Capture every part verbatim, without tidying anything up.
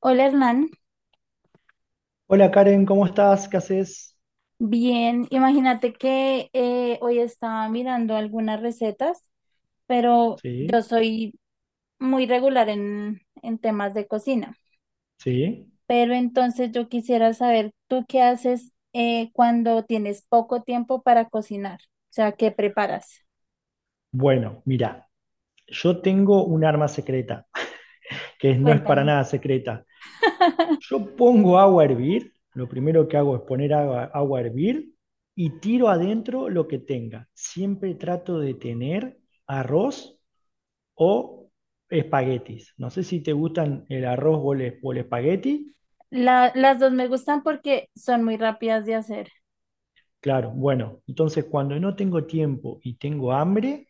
Hola Hernán, Hola Karen, ¿cómo estás? ¿Qué haces? bien, imagínate que eh, hoy estaba mirando algunas recetas, pero Sí, yo soy muy regular en, en temas de cocina, sí. pero entonces yo quisiera saber, ¿tú qué haces eh, cuando tienes poco tiempo para cocinar? O sea, ¿qué preparas? Bueno, mira, yo tengo un arma secreta, que no es para Cuéntame. nada secreta. Yo pongo agua a hervir, lo primero que hago es poner agua, agua a hervir y tiro adentro lo que tenga. Siempre trato de tener arroz o espaguetis. No sé si te gustan el arroz o el, o el espagueti. La- las dos me gustan porque son muy rápidas de hacer. Claro, bueno, entonces cuando no tengo tiempo y tengo hambre.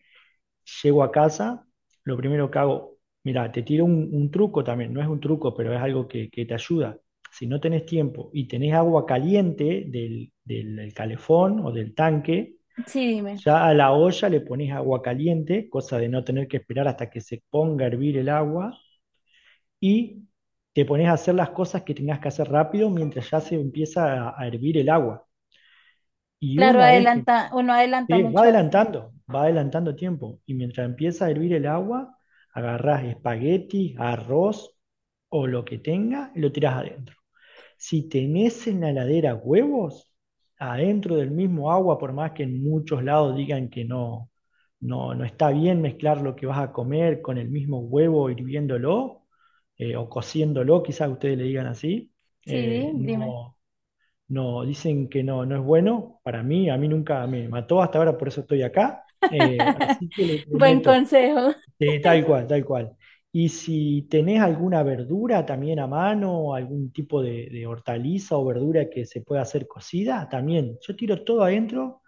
Llego a casa, lo primero que hago, mira, te tiro un, un truco también, no es un truco, pero es algo que, que te ayuda. Si no tenés tiempo y tenés agua caliente del, del- del calefón o del tanque, Sí, dime. ya a la olla le pones agua caliente, cosa de no tener que esperar hasta que se ponga a hervir el agua, y te pones a hacer las cosas que tengas que hacer rápido mientras ya se empieza a, a hervir el agua. Y Claro, una vez que adelanta, uno adelanta sí, va mucho así. adelantando, va adelantando tiempo. Y mientras empieza a hervir el agua, agarrás espagueti, arroz o lo que tenga y lo tirás adentro. Si tenés en la heladera huevos, adentro del mismo agua, por más que en muchos lados digan que no, no, no está bien mezclar lo que vas a comer con el mismo huevo hirviéndolo eh, o cociéndolo, quizás ustedes le digan así. eh, Sí, dime. no, no, dicen que no, no es bueno para mí, a mí nunca me mató hasta ahora, por eso estoy acá. Eh, así que le, le Buen meto, consejo. eh, tal cual, tal cual. Y si tenés alguna verdura también a mano, algún tipo de, de hortaliza o verdura que se pueda hacer cocida, también. Yo tiro todo adentro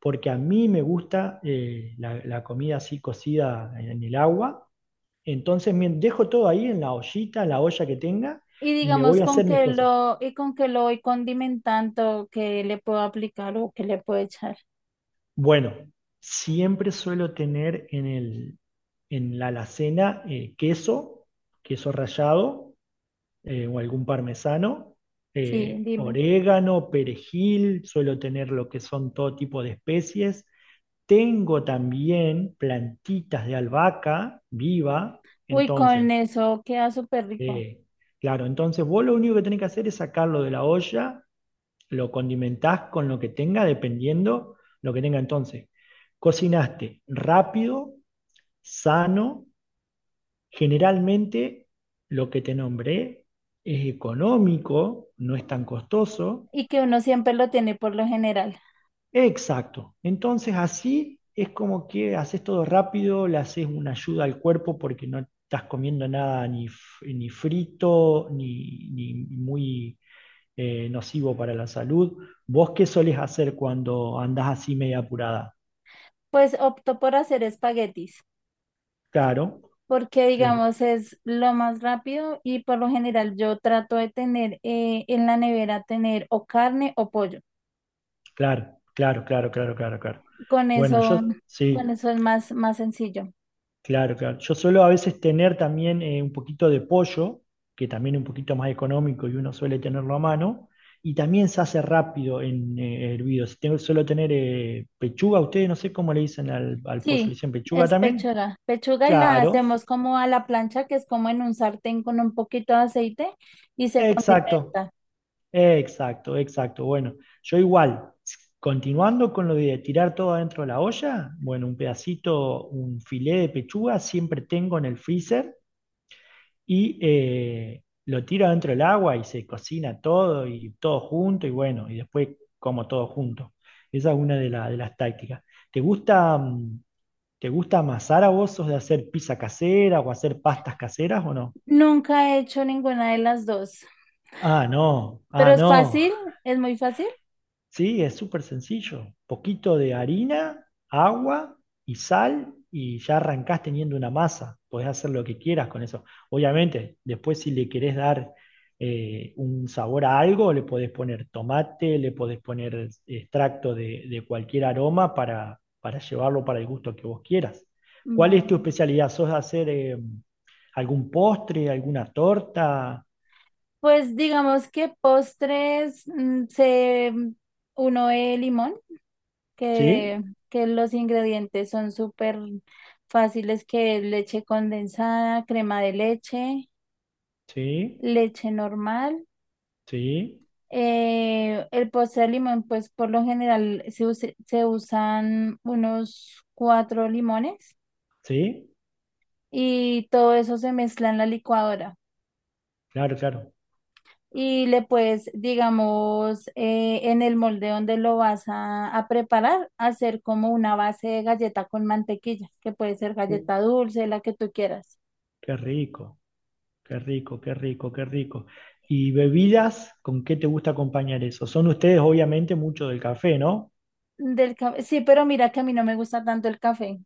porque a mí me gusta eh, la, la comida así cocida en, en el agua. Entonces me dejo todo ahí en la ollita, en la olla que tenga, Y y me voy digamos, a con hacer mis que cosas. lo, y con que lo voy condimentando, que le puedo aplicar o que le puedo echar. Bueno, siempre suelo tener en el, en la alacena eh, queso, queso rallado eh, o algún parmesano, Sí, eh, dime. orégano, perejil, suelo tener lo que son todo tipo de especies. Tengo también plantitas de albahaca viva, Uy, con entonces, eso queda súper rico. eh, claro, entonces vos lo único que tenés que hacer es sacarlo de la olla, lo condimentás con lo que tenga, dependiendo lo que tenga entonces. Cocinaste rápido, sano, generalmente lo que te nombré es económico, no es tan costoso. Y que uno siempre lo tiene por lo general. Exacto. Entonces así es como que haces todo rápido, le haces una ayuda al cuerpo porque no estás comiendo nada ni, f- ni frito, ni, ni muy eh, nocivo para la salud. ¿Vos qué solés hacer cuando andás así media apurada? Pues opto por hacer espaguetis, Claro, porque lo- digamos es lo más rápido y por lo general yo trato de tener eh, en la nevera tener o carne o pollo. claro, claro, claro, claro, claro, claro. Con Bueno, eso, yo con sí, eso es más, más sencillo. claro, claro. Yo suelo a veces tener también eh, un poquito de pollo, que también es un poquito más económico y uno suele tenerlo a mano, y también se hace rápido en eh, hervido. Si tengo, suelo tener eh, pechuga, ustedes no sé cómo le dicen al, al pollo, ¿le Sí, dicen pechuga es también? pechuga. Pechuga y la Claro, hacemos como a la plancha, que es como en un sartén con un poquito de aceite y se exacto. condimenta. Exacto, exacto. Bueno, yo igual, continuando con lo de tirar todo adentro de la olla, bueno, un pedacito, un filé de pechuga siempre tengo en el freezer y eh, lo tiro adentro del agua y se cocina todo y todo junto y bueno, y después como todo junto. Esa es una de, la- de las tácticas. ¿Te gusta, mm, te gusta amasar a vos? ¿Sos de hacer pizza casera o hacer pastas caseras o no? Nunca he hecho ninguna de las dos, Ah, no, pero ah, es no. fácil, es muy fácil. Sí, es súper sencillo. Poquito de harina, agua y sal y ya arrancás teniendo una masa. Podés hacer lo que quieras con eso. Obviamente, después si le querés dar eh, un sabor a algo, le podés poner tomate, le podés poner extracto de, de cualquier aroma para, para llevarlo para el gusto que vos quieras. Va. ¿Cuál es tu especialidad? ¿Sos de hacer eh, algún postre, alguna torta? Pues digamos que postres mm, se mm, uno el limón, que, Sí, que los ingredientes son súper fáciles, que es leche condensada, crema de leche, sí, leche normal. sí, Eh, el postre de limón, pues por lo general se, use- se usan unos cuatro limones sí, y todo eso se mezcla en la licuadora. claro, claro. Y le puedes, digamos, eh, en el molde donde lo vas a, a preparar, hacer como una base de galleta con mantequilla, que puede ser Uh, galleta dulce, la que tú quieras. qué rico, qué rico, qué rico, qué rico. ¿Y bebidas? ¿Con qué te gusta acompañar eso? Son ustedes obviamente mucho del café, ¿no? Del ca- sí, pero mira que a mí no me gusta tanto el café.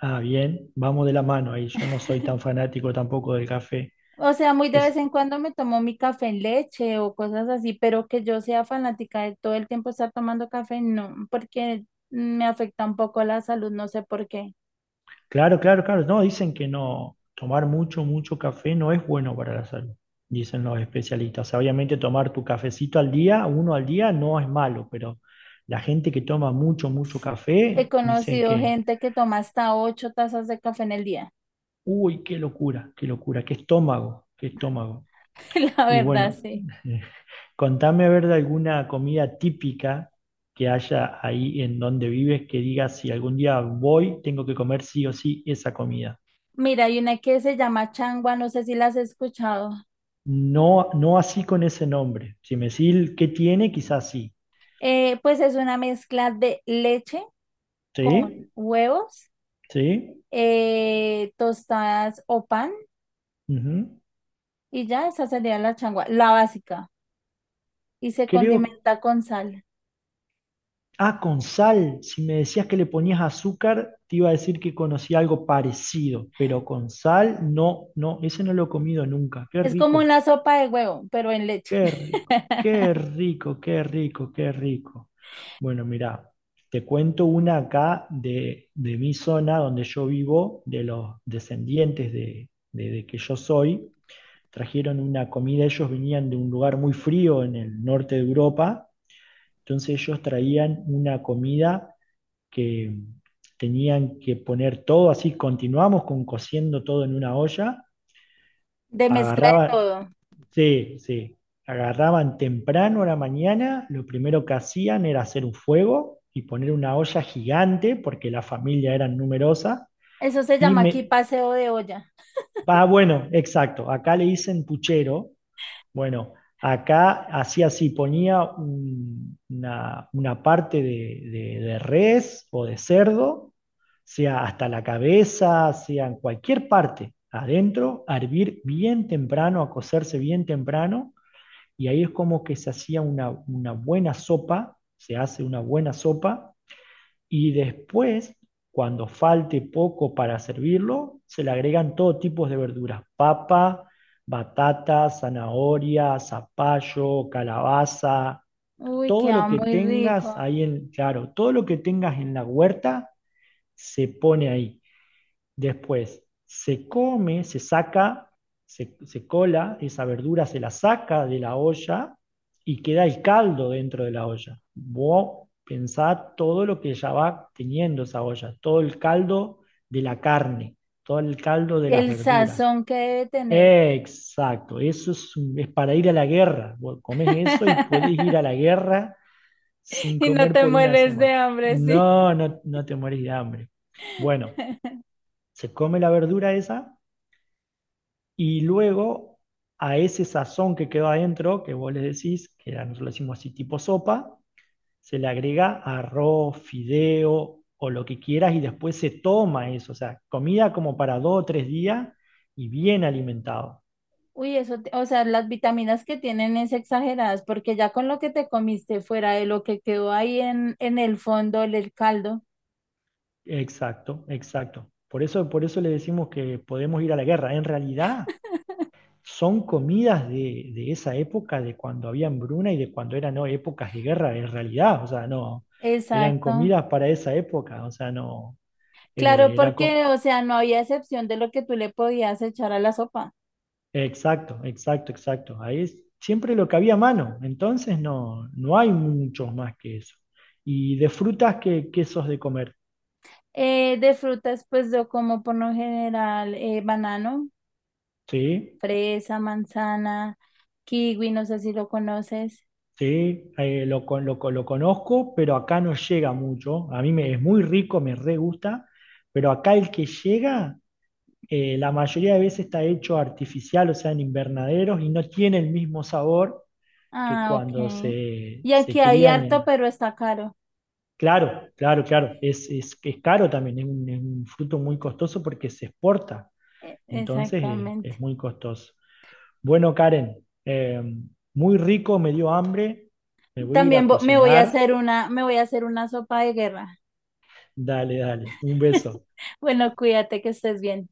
Ah, bien, vamos de la mano ahí. Yo no soy tan fanático tampoco del café. O sea, muy Que de vez es- en cuando me tomo mi café en leche o cosas así, pero que yo sea fanática de todo el tiempo estar tomando café, no, porque me afecta un poco la salud, no sé por qué. Claro, claro, claro. No, dicen que no, tomar mucho, mucho café no es bueno para la salud, dicen los especialistas. O sea, obviamente tomar tu cafecito al día, uno al día, no es malo, pero la gente que toma mucho, mucho He café, dicen conocido que, gente que toma hasta ocho tazas de café en el día. uy, qué locura, qué locura, qué estómago, qué estómago. La Y verdad, bueno, sí. contame a ver de alguna comida típica que haya ahí en donde vives que digas si algún día voy, tengo que comer sí o sí esa comida. Mira, hay una que se llama changua, no sé si la has escuchado. No, no así con ese nombre. Si me decís el qué tiene, quizás sí. Eh, pues es una mezcla de leche con ¿Sí? huevos, ¿Sí? eh, tostadas o pan, Ujú. y ya esa sería la changua, la básica. Y se Creo, condimenta con sal. ah, con sal. Si me decías que le ponías azúcar, te iba a decir que conocía algo parecido, pero con sal, no, no, ese no lo he comido nunca. Qué Es como rico. una sopa de huevo, pero en leche. Qué rico, qué rico, qué rico, qué rico. Bueno, mirá, te cuento una acá de, de mi zona donde yo vivo, de los descendientes de, de- de que yo soy. Trajeron una comida, ellos venían de un lugar muy frío en el norte de Europa, entonces ellos traían una comida que tenían que poner todo así, continuamos con cociendo todo en una olla, De mezcla de agarraba todo. sí, sí. Agarraban temprano a la mañana, lo primero que hacían era hacer un fuego y poner una olla gigante, porque la familia era numerosa, Eso se y llama aquí me... paseo de olla. Ah, bueno, exacto, acá le dicen puchero. Bueno, acá hacía así, ponía un- una, una parte de, de- de res o de cerdo, sea hasta la cabeza, sea en cualquier parte, adentro, a hervir bien temprano, a cocerse bien temprano y ahí es como que se hacía una, una buena sopa, se hace una buena sopa y después, cuando falte poco para servirlo, se le agregan todo tipo de verduras, papa, batata, zanahoria, zapallo, calabaza, Uy, todo lo queda que muy tengas rico. ahí en, claro, todo lo que tengas en la huerta se pone ahí. Después se come, se saca, se, se cola, esa verdura se la saca de la olla y queda el caldo dentro de la olla. Vos pensá todo lo que ya va teniendo esa olla, todo el caldo de la carne, todo el caldo de las El verduras. sazón que debe tener. Exacto, eso es, es para ir a la guerra. Vos comés eso y podés ir a la guerra sin Y no comer te por una mueres semana. de hambre, sí. No, no, no te morís de hambre. Bueno, se come la verdura esa y luego a ese sazón que quedó adentro, que vos le decís, que nosotros lo decimos así tipo sopa, se le agrega arroz, fideo o lo que quieras y después se toma eso. O sea, comida como para dos o tres días y bien alimentado. Uy, eso, te- o sea, las vitaminas que tienen es exageradas, porque ya con lo que te comiste fuera de lo que quedó ahí en, en el fondo, el, el caldo. Exacto, exacto. Por eso, por eso le decimos que podemos ir a la guerra. En realidad son comidas de, de esa época, de cuando había hambruna y de cuando eran no, épocas de guerra, en realidad. O sea, no, eran Exacto. comidas para esa época. O sea, no, Claro, Eh, era porque, co- o sea, no había excepción de lo que tú le podías echar a la sopa. exacto, exacto, exacto. Ahí es siempre lo que había a mano. Entonces no, no hay muchos más que eso. Y de frutas, ¿qué, quesos de comer? Eh, de frutas, pues yo como por lo general eh, banano, Sí, fresa, manzana, kiwi, no sé si lo conoces. sí, eh, lo, con- lo, con- lo conozco, pero acá no llega mucho. A mí me, es muy rico, me re gusta, pero acá el que llega, eh, la mayoría de veces está hecho artificial, o sea, en invernaderos, y no tiene el mismo sabor que Ah, cuando ok. se, Y aquí se hay crían harto, en, pero está caro. claro, claro, claro. Es, es, es caro también, es un, es un fruto muy costoso porque se exporta. E- Entonces eh, Exactamente. es, muy costoso. Bueno, Karen, eh, muy rico, me dio hambre. Me voy a ir a También vo- me voy a cocinar. hacer una, me voy a hacer una sopa de guerra. Dale, dale. Un beso. Bueno, cuídate que estés bien.